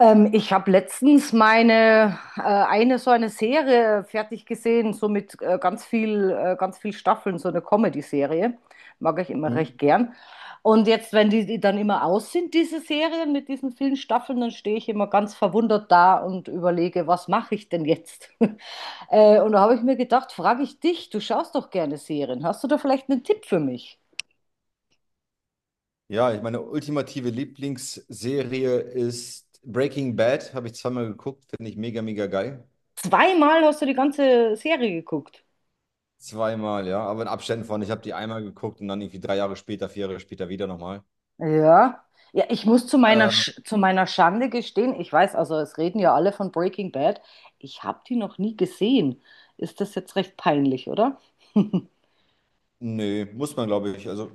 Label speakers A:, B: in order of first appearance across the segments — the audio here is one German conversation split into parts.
A: Ich habe letztens meine eine so eine Serie fertig gesehen, so mit ganz ganz viel Staffeln, so eine Comedy-Serie. Mag ich immer
B: Hm?
A: recht gern. Und jetzt, wenn die dann immer aus sind, diese Serien mit diesen vielen Staffeln, dann stehe ich immer ganz verwundert da und überlege, was mache ich denn jetzt? Und da habe ich mir gedacht, frage ich dich, du schaust doch gerne Serien. Hast du da vielleicht einen Tipp für mich?
B: Ja, ich meine ultimative Lieblingsserie ist Breaking Bad. Habe ich zweimal geguckt, finde ich mega, mega geil.
A: Zweimal hast du die ganze Serie geguckt.
B: Zweimal, ja, aber in Abständen von. Ich habe die einmal geguckt und dann irgendwie 3 Jahre später, 4 Jahre später wieder nochmal.
A: Ja. Ja, ich muss zu meiner,
B: Äh,
A: Sch zu meiner Schande gestehen, ich weiß, also es reden ja alle von Breaking Bad, ich habe die noch nie gesehen. Ist das jetzt recht peinlich, oder?
B: nö, muss man, glaube ich. Also,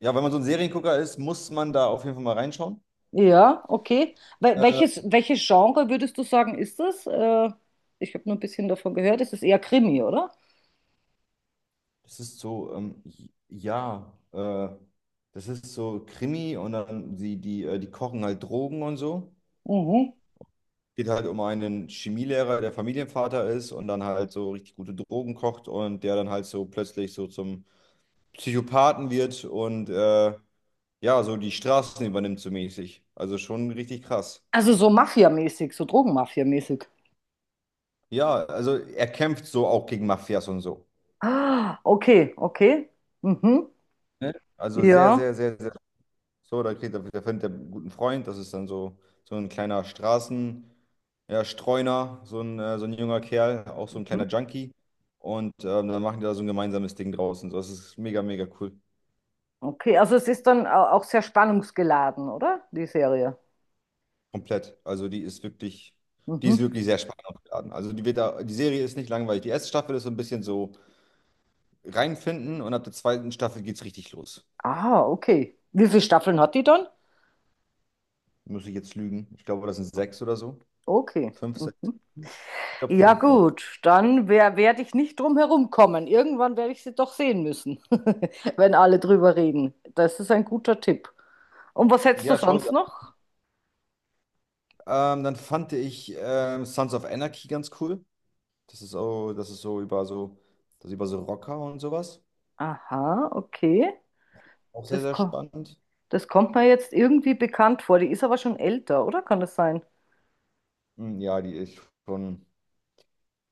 B: ja, wenn man so ein Seriengucker ist, muss man da auf jeden Fall mal reinschauen.
A: Ja, okay.
B: Äh,
A: Welches, welches Genre würdest du sagen, ist das? Ich habe nur ein bisschen davon gehört, es ist eher Krimi, oder?
B: das ist so, ja, das ist so Krimi und dann die kochen halt Drogen und so.
A: Mhm.
B: Geht halt um einen Chemielehrer, der Familienvater ist und dann halt so richtig gute Drogen kocht und der dann halt so plötzlich so zum Psychopathen wird und ja, so die Straßen übernimmt so mäßig. Also schon richtig krass.
A: Also so Mafia-mäßig, so Drogenmafia-mäßig.
B: Ja, also er kämpft so auch gegen Mafias und so.
A: Ah, okay, okay. Mhm.
B: Ne? Also sehr,
A: Ja.
B: sehr, sehr, sehr. So, da kriegt er, da findet er einen guten Freund. Das ist dann so, so ein kleiner Straßen. Ja, Streuner, so ein junger Kerl, auch so ein
A: Mhm.
B: kleiner Junkie. Und dann machen die da so ein gemeinsames Ding draus und so. Das ist mega, mega cool.
A: Okay, also es ist dann auch sehr spannungsgeladen, oder? Die Serie.
B: Komplett. Also die ist wirklich, die ist
A: Mhm.
B: wirklich sehr spannend aufgeladen. Also die wird da, die Serie ist nicht langweilig. Die erste Staffel ist so ein bisschen so reinfinden und ab der zweiten Staffel geht's richtig los.
A: Ah, okay. Wie viele Staffeln hat die dann?
B: Muss ich jetzt lügen? Ich glaube, das sind sechs oder so.
A: Okay.
B: Fünf, sechs.
A: Mhm.
B: Ich glaube,
A: Ja,
B: fünf, sechs.
A: gut, dann werde ich nicht drum herum kommen. Irgendwann werde ich sie doch sehen müssen, wenn alle drüber reden. Das ist ein guter Tipp. Und was hättest du
B: Ja, schau
A: sonst
B: dir
A: noch?
B: an. Dann fand ich Sons of Anarchy ganz cool. Das ist auch, das ist so über so, das ist über so Rocker und sowas.
A: Aha, okay.
B: Auch sehr,
A: Das,
B: sehr
A: ko
B: spannend.
A: Das kommt mir jetzt irgendwie bekannt vor. Die ist aber schon älter, oder? Kann das sein?
B: Hm, ja, die ist schon,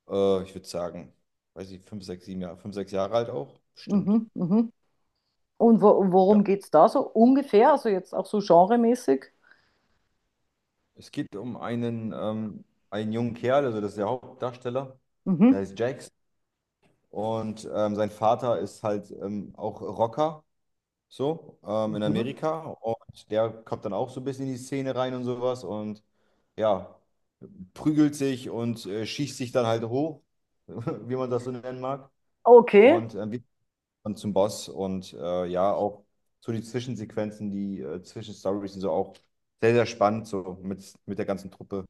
B: ich würde sagen, weiß ich, 5, 6, 7 Jahre, 5, 6 Jahre alt auch. Stimmt.
A: Mhm, mhm. Und wo
B: Ja.
A: worum geht es da so ungefähr? Also jetzt auch so genremäßig?
B: Es geht um einen jungen Kerl, also das ist der Hauptdarsteller, der
A: Mhm,
B: heißt Jax. Und sein Vater ist halt auch Rocker, so, in
A: mhm.
B: Amerika. Und der kommt dann auch so ein bisschen in die Szene rein und sowas. Und ja. Prügelt sich und schießt sich dann halt hoch, wie man das so nennen mag,
A: Okay.
B: und wird dann zum Boss und ja, auch so die Zwischensequenzen, die Zwischenstories sind so auch sehr, sehr spannend, so mit der ganzen Truppe.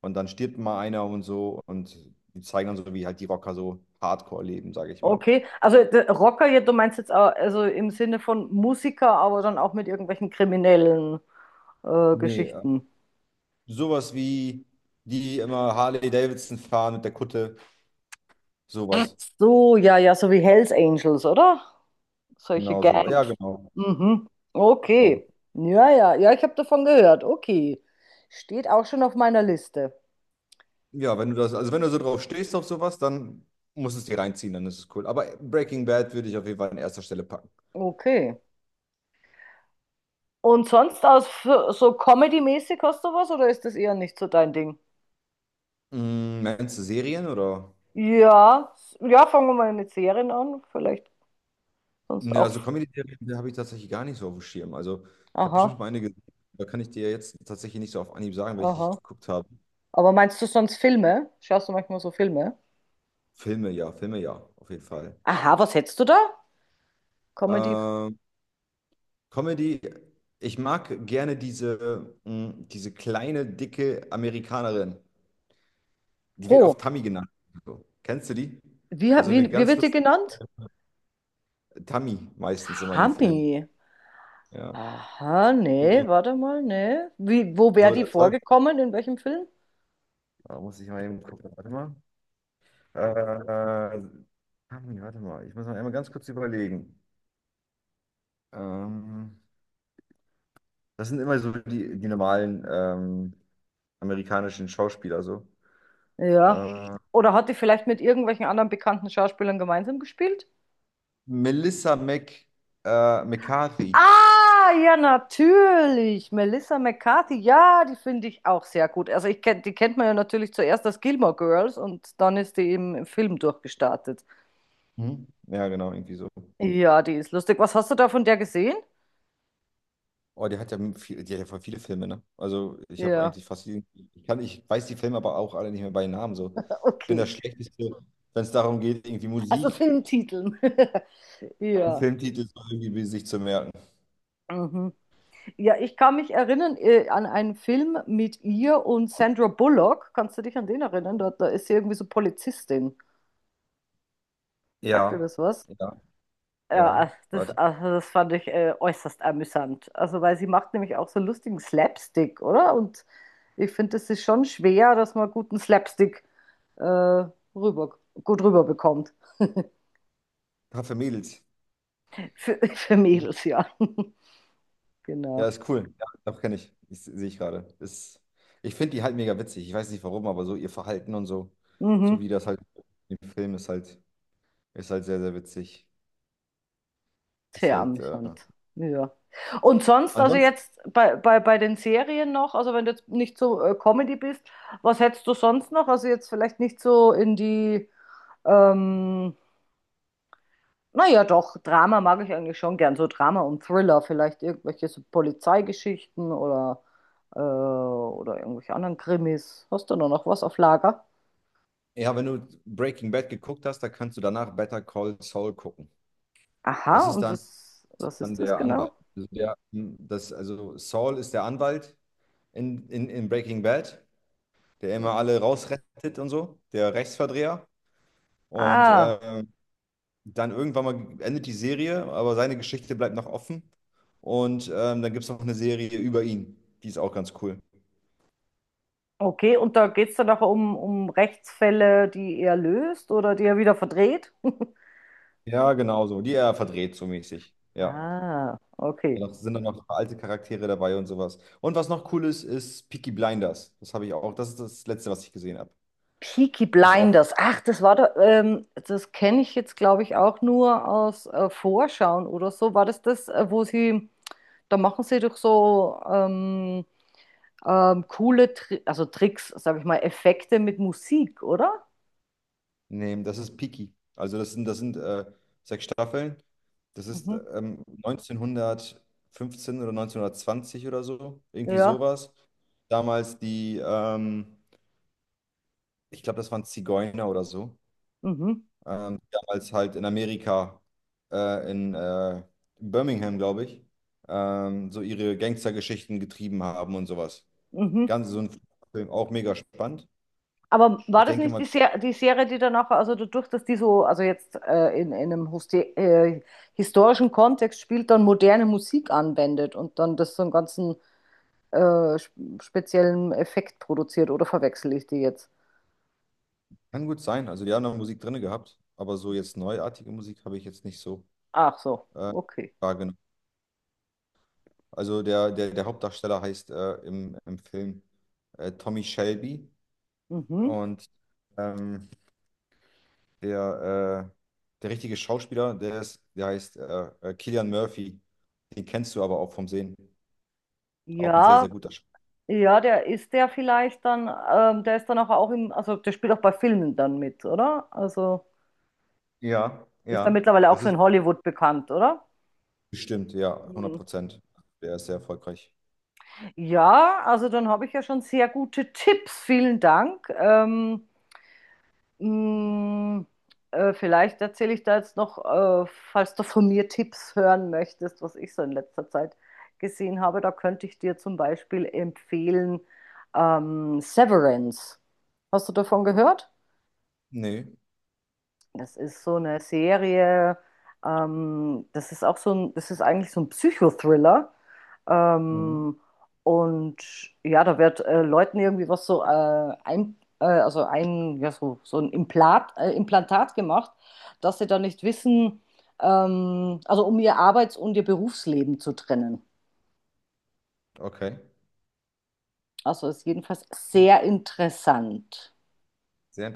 B: Und dann stirbt mal einer und so und die zeigen dann so, wie halt die Rocker so Hardcore leben, sage ich mal.
A: Okay, also Rocker, ja, du meinst jetzt auch, also im Sinne von Musiker, aber dann auch mit irgendwelchen kriminellen
B: Nee,
A: Geschichten.
B: sowas wie die immer Harley Davidson fahren mit der Kutte,
A: Ach
B: sowas.
A: so, ja, ja, so wie Hells Angels, oder? Solche
B: Genau, sowas. Ja,
A: Gangs.
B: genau.
A: Mhm.
B: Genau.
A: Okay. Ja, ja, ja, ich habe davon gehört. Okay. Steht auch schon auf meiner Liste.
B: Ja, wenn du das, also wenn du so drauf stehst auf sowas, dann musst du es dir reinziehen, dann ist es cool. Aber Breaking Bad würde ich auf jeden Fall an erster Stelle packen.
A: Okay. Und sonst aus so Comedy-mäßig hast du was oder ist das eher nicht so dein Ding?
B: Mm, meinst du Serien oder?
A: Ja, ja, fangen wir mal mit Serien an, vielleicht sonst
B: Ne,
A: auch.
B: also Comedy-Serien die habe ich tatsächlich gar nicht so auf dem Schirm. Also ich habe bestimmt
A: Aha,
B: mal eine gesehen, da kann ich dir jetzt tatsächlich nicht so auf Anhieb sagen, welche ich
A: aha.
B: geguckt habe.
A: Aber meinst du sonst Filme? Schaust du manchmal so Filme?
B: Filme, ja, auf jeden Fall.
A: Aha, was hättest du da? Comedy.
B: Ähm, Comedy, ich mag gerne diese kleine, dicke Amerikanerin. Die wird
A: Oh,
B: oft Tammy genannt. So. Kennst du die? So eine
A: wie
B: ganz
A: wird die
B: lustige.
A: genannt?
B: Tammy meistens immer in den Filmen.
A: Hami.
B: Ja.
A: Aha, nee,
B: Immer.
A: warte mal, nee. Wo wäre
B: So
A: die
B: der Teufel.
A: vorgekommen? In welchem Film?
B: Da muss ich mal eben gucken. Warte mal. Äh, Tammy, warte mal. Ich muss mal einmal ganz kurz überlegen. Ähm, das sind immer so die normalen amerikanischen Schauspieler so.
A: Ja.
B: Äh,
A: Oder hat die vielleicht mit irgendwelchen anderen bekannten Schauspielern gemeinsam gespielt?
B: Melissa McCarthy.
A: Ah, ja, natürlich. Melissa McCarthy, ja, die finde ich auch sehr gut. Also ich kenn, die kennt man ja natürlich zuerst als Gilmore Girls und dann ist die im Film durchgestartet.
B: Mhm. Ja, genau, irgendwie so.
A: Ja, die ist lustig. Was hast du da von der gesehen?
B: Oh, die hat ja voll viele Filme, ne? Also ich habe
A: Ja,
B: eigentlich fast jeden, ich weiß die Filme aber auch alle nicht mehr bei Namen so. Ich bin
A: okay.
B: das Schlechteste, wenn es darum geht, irgendwie
A: Also
B: Musik,
A: Filmtiteln.
B: einen
A: Ja.
B: Filmtitel so irgendwie sich zu merken.
A: Mhm. Ja, ich kann mich erinnern an einen Film mit ihr und Sandra Bullock. Kannst du dich an den erinnern? Da, da ist sie irgendwie so Polizistin. Sagt dir
B: Ja,
A: das was?
B: ja,
A: Ja,
B: ja.
A: ach, das,
B: Warte.
A: also das fand ich äußerst amüsant. Also, weil sie macht nämlich auch so lustigen Slapstick, oder? Und ich finde, es ist schon schwer, dass man guten äh, rüber, gut rüberbekommt.
B: Paar für Mädels.
A: Für, für Mädels, ja.
B: Ja,
A: Genau.
B: ist cool. Ja, doch kenne ich. Ich sehe ich gerade. Ist, ich finde die halt mega witzig. Ich weiß nicht warum, aber so ihr Verhalten und so, so
A: Mhm.
B: wie das halt im Film ist halt sehr, sehr witzig. Ist
A: Sehr
B: halt. Äh,
A: amüsant. Ja. Und sonst, also
B: ansonsten
A: jetzt bei den Serien noch, also wenn du jetzt nicht so Comedy bist, was hättest du sonst noch? Also jetzt vielleicht nicht so in ähm, naja doch, Drama mag ich eigentlich schon gern, so Drama und Thriller, vielleicht irgendwelche so Polizeigeschichten oder irgendwelche anderen Krimis. Hast du da noch was auf Lager?
B: Ja, wenn du Breaking Bad geguckt hast, dann kannst du danach Better Call Saul gucken. Das
A: Aha,
B: ist
A: und
B: dann,
A: was, was
B: dann
A: ist das
B: der Anwalt.
A: genau?
B: Also, der, hm, das, also Saul ist der Anwalt in Breaking Bad, der
A: Hm.
B: immer alle rausrettet und so, der Rechtsverdreher. Und
A: Ah.
B: dann irgendwann mal endet die Serie, aber seine Geschichte bleibt noch offen. Und dann gibt es noch eine Serie über ihn. Die ist auch ganz cool.
A: Okay, und da geht es dann nachher um Rechtsfälle, die er löst oder die er wieder verdreht?
B: Ja, genau so. Die er verdreht so mäßig. Ja.
A: Ah,
B: Ja,
A: okay.
B: noch, sind dann noch alte Charaktere dabei und sowas. Und was noch cool ist, ist Peaky Blinders. Das habe ich auch. Das ist das Letzte, was ich gesehen habe.
A: Peaky
B: Ist auch.
A: Blinders. Ach, das war da, das kenne ich jetzt, glaube ich, auch nur aus Vorschauen oder so. War das das, wo sie, da machen sie doch so coole, Tri also Tricks, sage ich mal, Effekte mit Musik, oder?
B: Nee, das ist Peaky. Also das sind sechs Staffeln. Das ist
A: Mhm.
B: 1915 oder 1920 oder so. Irgendwie
A: Ja.
B: sowas. Damals die, ich glaube, das waren Zigeuner oder so.
A: Mhm.
B: Die damals halt in Amerika, in Birmingham, glaube ich, so ihre Gangstergeschichten getrieben haben und sowas.
A: Mhm.
B: Ganz so ein Film, auch mega spannend.
A: Aber war
B: Ich
A: das
B: denke
A: nicht
B: mal,
A: Die Serie, die danach, also dadurch, dass die so, also jetzt in einem historischen Kontext spielt, dann moderne Musik anwendet und dann das so einen ganzen speziellen Effekt produziert, oder verwechsel ich die jetzt?
B: kann gut sein. Also die haben noch Musik drin gehabt, aber so jetzt neuartige Musik habe ich jetzt nicht so
A: Ach so,
B: äh,
A: okay.
B: wahrgenommen. Also der Hauptdarsteller heißt im Film Tommy Shelby
A: Mhm.
B: und ähm, der, äh, der richtige Schauspieler, der heißt Cillian Murphy. Den kennst du aber auch vom Sehen. Auch ein sehr,
A: Ja,
B: sehr guter Schauspieler.
A: ja, der ist der vielleicht dann, der ist dann auch, auch also der spielt auch bei Filmen dann mit, oder? Also
B: Ja,
A: ist dann
B: ja,
A: mittlerweile auch
B: das
A: so
B: ist.
A: in Hollywood bekannt, oder?
B: Bestimmt, ja, hundert
A: Mhm.
B: Prozent. Der ist sehr erfolgreich.
A: Ja, also dann habe ich ja schon sehr gute Tipps. Vielen Dank. Mh, Vielleicht erzähle ich da jetzt noch, falls du von mir Tipps hören möchtest, was ich so in letzter Zeit gesehen habe. Da könnte ich dir zum Beispiel empfehlen Severance. Hast du davon gehört?
B: Nee.
A: Das ist so eine Serie, das ist auch so ein, das ist eigentlich so ein Psychothriller.
B: Mhm.
A: Ähm, und ja, da wird Leuten irgendwie was so also ein, ja, so, so ein Implantat gemacht, dass sie dann nicht wissen, also um ihr Arbeits- und ihr Berufsleben zu trennen.
B: Okay.
A: Also ist jedenfalls sehr interessant.
B: Sehr